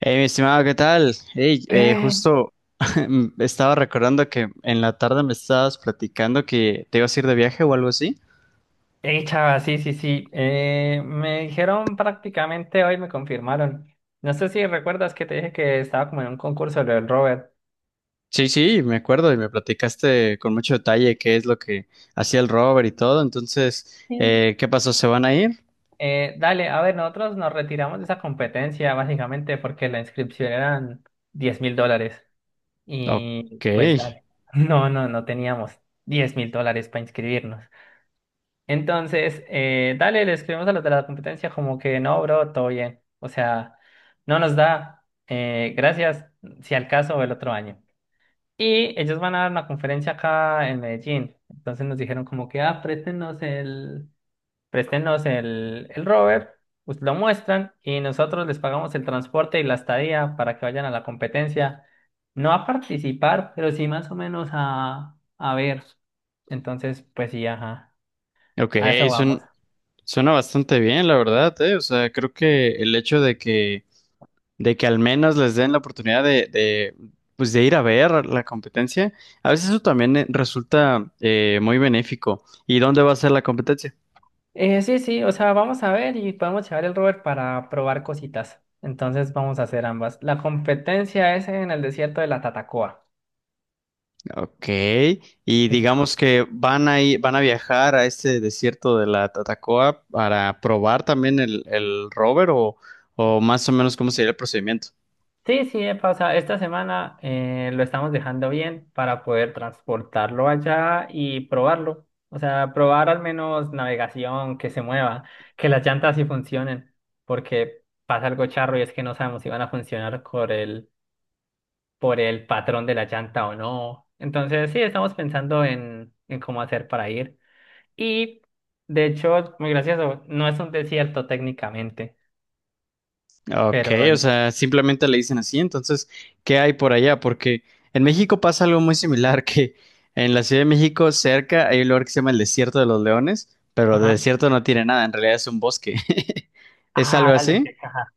Hey, mi estimado, ¿qué tal? Hey, Eh, justo estaba recordando que en la tarde me estabas platicando que te ibas a ir de viaje o algo así. Chava, sí. Me dijeron prácticamente hoy, me confirmaron. No sé si recuerdas que te dije que estaba como en un concurso lo del Robert. Sí, sí, me acuerdo y me platicaste con mucho detalle qué es lo que hacía el Robert y todo. Entonces, Sí. ¿Qué pasó? ¿Se van a ir? Dale, a ver, nosotros nos retiramos de esa competencia básicamente porque la inscripción eran $10,000. Ok, Y pues dale. No teníamos $10,000 para inscribirnos. Entonces, dale, le escribimos a los de la competencia como que no, bro, todo bien. O sea, no nos da. Gracias, si al caso, el otro año. Y ellos van a dar una conferencia acá en Medellín. Entonces nos dijeron como que, ah, préstenos el rover, pues lo muestran y nosotros les pagamos el transporte y la estadía para que vayan a la competencia. No a participar, pero sí más o menos a ver. Entonces, pues sí, ajá. ok, A eso suena, vamos. suena bastante bien, la verdad, eh. O sea, creo que el hecho de que al menos les den la oportunidad pues de ir a ver la competencia. A veces eso también resulta muy benéfico. ¿Y dónde va a ser la competencia? Sí, o sea, vamos a ver y podemos llevar el rover para probar cositas. Entonces vamos a hacer ambas. La competencia es en el desierto de la Tatacoa, Ok, y se llama. digamos que van a viajar a este desierto de la Tatacoa para probar también el rover o más o menos cómo sería el procedimiento. Sí, Epa, o sea, esta semana lo estamos dejando bien para poder transportarlo allá y probarlo. O sea, probar al menos navegación, que se mueva, que las llantas sí funcionen, porque pasa algo charro y es que no sabemos si van a funcionar con el por el patrón de la llanta o no. Entonces, sí, estamos pensando en cómo hacer para ir. Y, de hecho, muy gracioso, no es un desierto técnicamente, Ok, pero... o sea, simplemente le dicen así. Entonces, ¿qué hay por allá? Porque en México pasa algo muy similar, que en la Ciudad de México, cerca, hay un lugar que se llama el Desierto de los Leones, pero de Ajá. desierto no tiene nada, en realidad es un bosque. ¿Es algo Ah, dale, así? qué caja.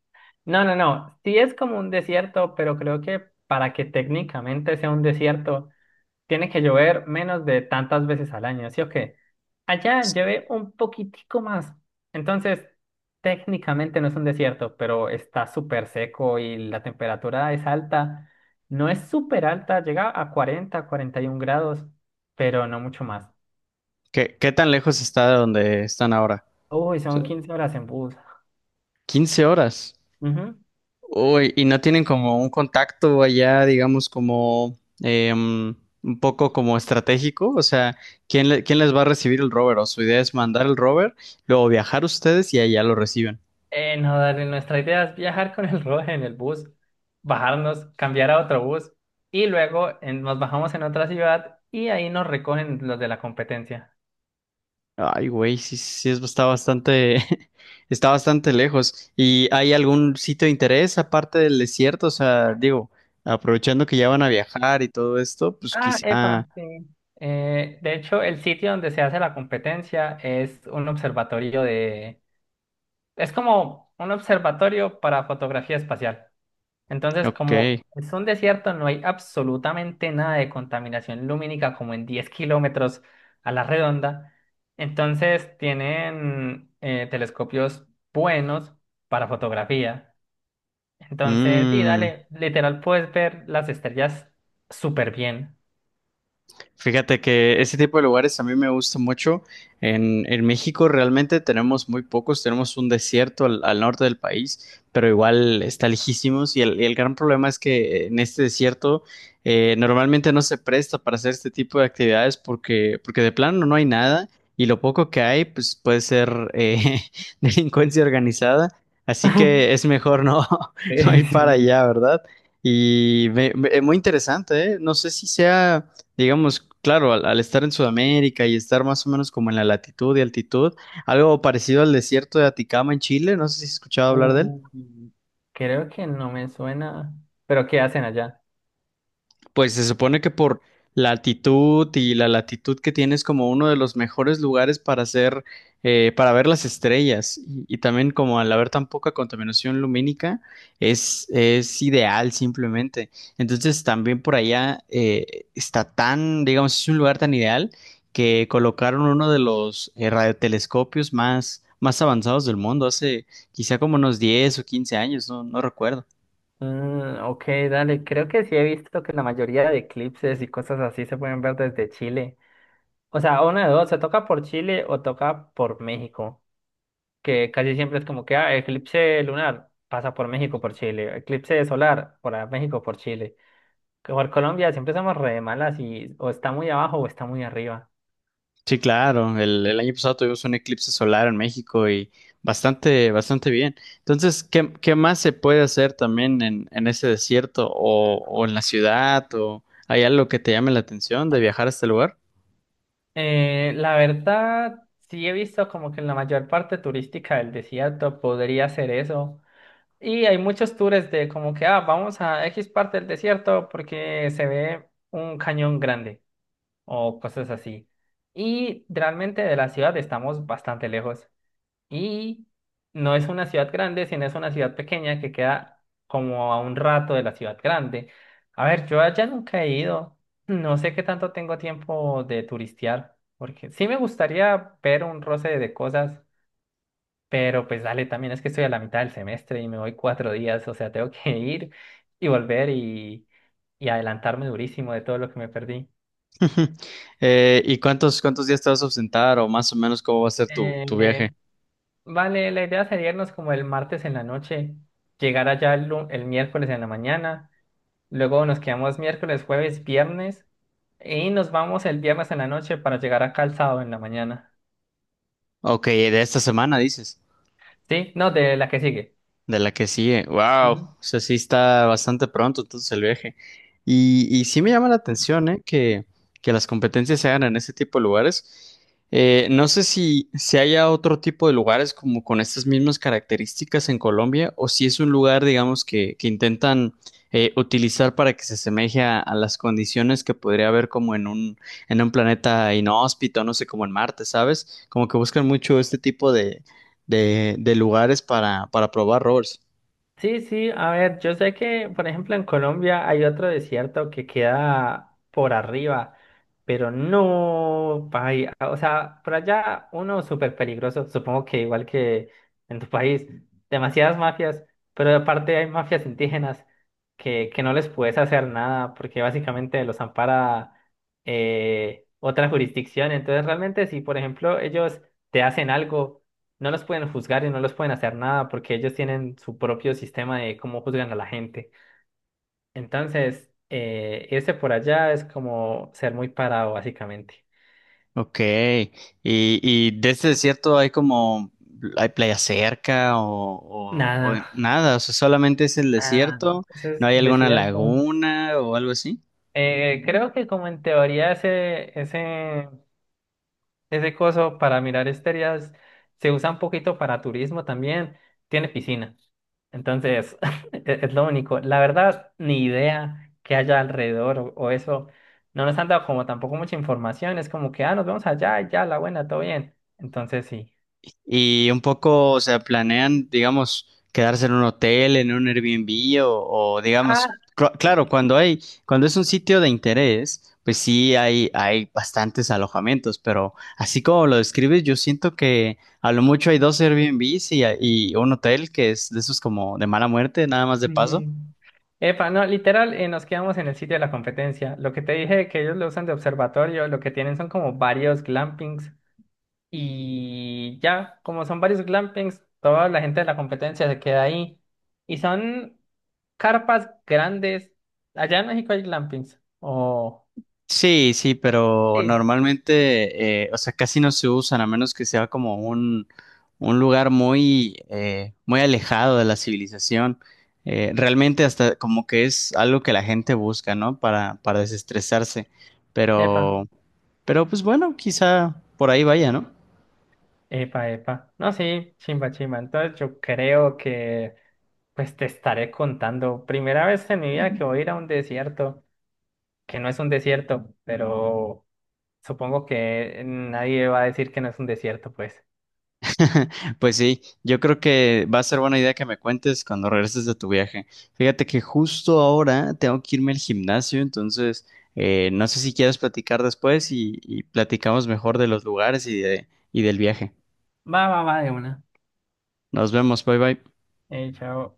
No, no, no, sí es como un desierto, pero creo que para que técnicamente sea un desierto, tiene que llover menos de tantas veces al año, ¿sí o qué? Allá llevé un poquitico más. Entonces, técnicamente no es un desierto, pero está súper seco y la temperatura es alta. No es súper alta, llega a cuarenta, cuarenta y 41 grados, pero no mucho más. ¿Qué, qué tan lejos está de donde están ahora? Uy, O sea, son 15 horas en bus. 15 horas. Ujú. Uy, y no tienen como un contacto allá, digamos, como em, un poco como estratégico. O sea, ¿quién les va a recibir el rover? O su idea es mandar el rover, luego viajar ustedes y allá lo reciben. No, dale, nuestra idea es viajar con el roje en el bus, bajarnos, cambiar a otro bus y luego nos bajamos en otra ciudad y ahí nos recogen los de la competencia. Ay, güey, sí, sí, está bastante, está bastante lejos. ¿Y hay algún sitio de interés aparte del desierto? O sea, digo, aprovechando que ya van a viajar y todo esto, pues Ah, epa, quizá, sí. De hecho, el sitio donde se hace la competencia es un observatorio de... Es como un observatorio para fotografía espacial. Entonces, como ok. es un desierto, no hay absolutamente nada de contaminación lumínica como en 10 km a la redonda. Entonces, tienen telescopios buenos para fotografía. Entonces, sí, Mm. dale, literal, puedes ver las estrellas súper bien. Fíjate que ese tipo de lugares a mí me gusta mucho. En México realmente tenemos muy pocos, tenemos un desierto al norte del país, pero igual está lejísimos y el gran problema es que en este desierto normalmente no se presta para hacer este tipo de actividades porque de plano no hay nada y lo poco que hay pues puede ser delincuencia organizada, así que es mejor no, no ir para Sí. allá, ¿verdad? Y muy interesante, ¿eh? No sé si sea… Digamos, claro, al estar en Sudamérica y estar más o menos como en la latitud y altitud, algo parecido al desierto de Aticama en Chile, no sé si has escuchado hablar de él. Uy, creo que no me suena. ¿Pero qué hacen allá? Pues se supone que por la altitud y la latitud que tienes como uno de los mejores lugares para hacer, para ver las estrellas y también como al haber tan poca contaminación lumínica es ideal simplemente. Entonces también por allá está tan, digamos, es un lugar tan ideal que colocaron uno de los radiotelescopios más, más avanzados del mundo hace quizá como unos 10 o 15 años, no, no recuerdo. Mm, ok, dale. Creo que sí he visto que la mayoría de eclipses y cosas así se pueden ver desde Chile. O sea, una de dos, se toca por Chile o toca por México. Que casi siempre es como que, ah, eclipse lunar pasa por México, por Chile. Eclipse solar por México, por Chile. Que Por Colombia siempre somos re malas y o está muy abajo o está muy arriba. Sí, claro. El año pasado tuvimos un eclipse solar en México y bastante, bastante bien. Entonces, ¿qué, qué más se puede hacer también en ese desierto o en la ciudad? ¿O hay algo que te llame la atención de viajar a este lugar? La verdad, sí he visto como que en la mayor parte turística del desierto podría ser eso. Y hay muchos tours de como que, ah, vamos a X parte del desierto porque se ve un cañón grande o cosas así. Y realmente de la ciudad estamos bastante lejos. Y no es una ciudad grande, sino es una ciudad pequeña que queda como a un rato de la ciudad grande. A ver, yo allá nunca he ido. No sé qué tanto tengo tiempo de turistear, porque sí me gustaría ver un roce de cosas, pero pues dale, también es que estoy a la mitad del semestre y me voy 4 días, o sea, tengo que ir y volver y adelantarme durísimo de todo lo que me perdí. ¿Y cuántos, cuántos días te vas a ausentar o más o menos cómo va a ser tu Eh, viaje? Vale, la idea sería irnos como el martes en la noche, llegar allá el miércoles en la mañana, luego nos quedamos miércoles, jueves, viernes y nos vamos el viernes en la noche para llegar acá el sábado en la mañana. Ok, de esta semana dices. ¿Sí? No, de la que sigue. De la que sigue, wow, o Ujú. sea, sí está bastante pronto entonces el viaje. Y sí me llama la atención, ¿eh? Que las competencias se hagan en ese tipo de lugares. No sé si, si haya otro tipo de lugares como con estas mismas características en Colombia o si es un lugar, digamos, que intentan utilizar para que se asemeje a las condiciones que podría haber como en un planeta inhóspito, no sé, como en Marte, ¿sabes? Como que buscan mucho este tipo de lugares para probar rovers. Sí, sí, a ver, yo sé que, por ejemplo, en Colombia hay otro desierto que queda por arriba, pero no, ay, o sea, por allá uno súper peligroso, supongo que igual que en tu país, demasiadas mafias, pero aparte hay mafias indígenas que no les puedes hacer nada porque básicamente los ampara otra jurisdicción, entonces realmente si, por ejemplo, ellos te hacen algo no los pueden juzgar y no los pueden hacer nada porque ellos tienen su propio sistema de cómo juzgan a la gente. Entonces, irse por allá es como ser muy parado, básicamente. Ok, y de este desierto hay como, hay playa cerca o, o Nada, nada, o sea, solamente es el nada, desierto, eso no es hay alguna desierto. laguna o algo así. Creo que como en teoría ese ese coso para mirar estrellas se usa un poquito para turismo también. Tiene piscina. Entonces, es lo único. La verdad, ni idea que haya alrededor o eso. No nos han dado como tampoco mucha información. Es como que, ah, nos vemos allá, y ya, la buena, todo bien. Entonces, sí. Y un poco, o sea, planean, digamos, quedarse en un hotel, en un Airbnb o, Ah, digamos, claro, cuando hay, cuando es un sitio de interés, pues sí hay bastantes alojamientos, pero así como lo describes, yo siento que a lo mucho hay dos Airbnbs y un hotel que es de esos como de mala muerte, nada más de paso. mm, epa, no, literal, nos quedamos en el sitio de la competencia. Lo que te dije que ellos lo usan de observatorio, lo que tienen son como varios glampings. Y ya, como son varios glampings, toda la gente de la competencia se queda ahí. Y son carpas grandes. Allá en México hay glampings. O. Sí, sí, pero Sí. normalmente, o sea, casi no se usan, a menos que sea como un lugar muy, muy alejado de la civilización. Realmente hasta como que es algo que la gente busca, ¿no? Para desestresarse. Epa, Pero, pero pues bueno, quizá por ahí vaya, ¿no? epa. No, sí, chimba, chimba. Entonces yo creo que pues te estaré contando. Primera vez en mi vida que voy a ir a un desierto, que no es un desierto, pero supongo que nadie va a decir que no es un desierto, pues. Pues sí, yo creo que va a ser buena idea que me cuentes cuando regreses de tu viaje. Fíjate que justo ahora tengo que irme al gimnasio, entonces no sé si quieres platicar después y platicamos mejor de los lugares y de, y del viaje. Va, va, va, de una. Nos vemos, bye bye. Chao.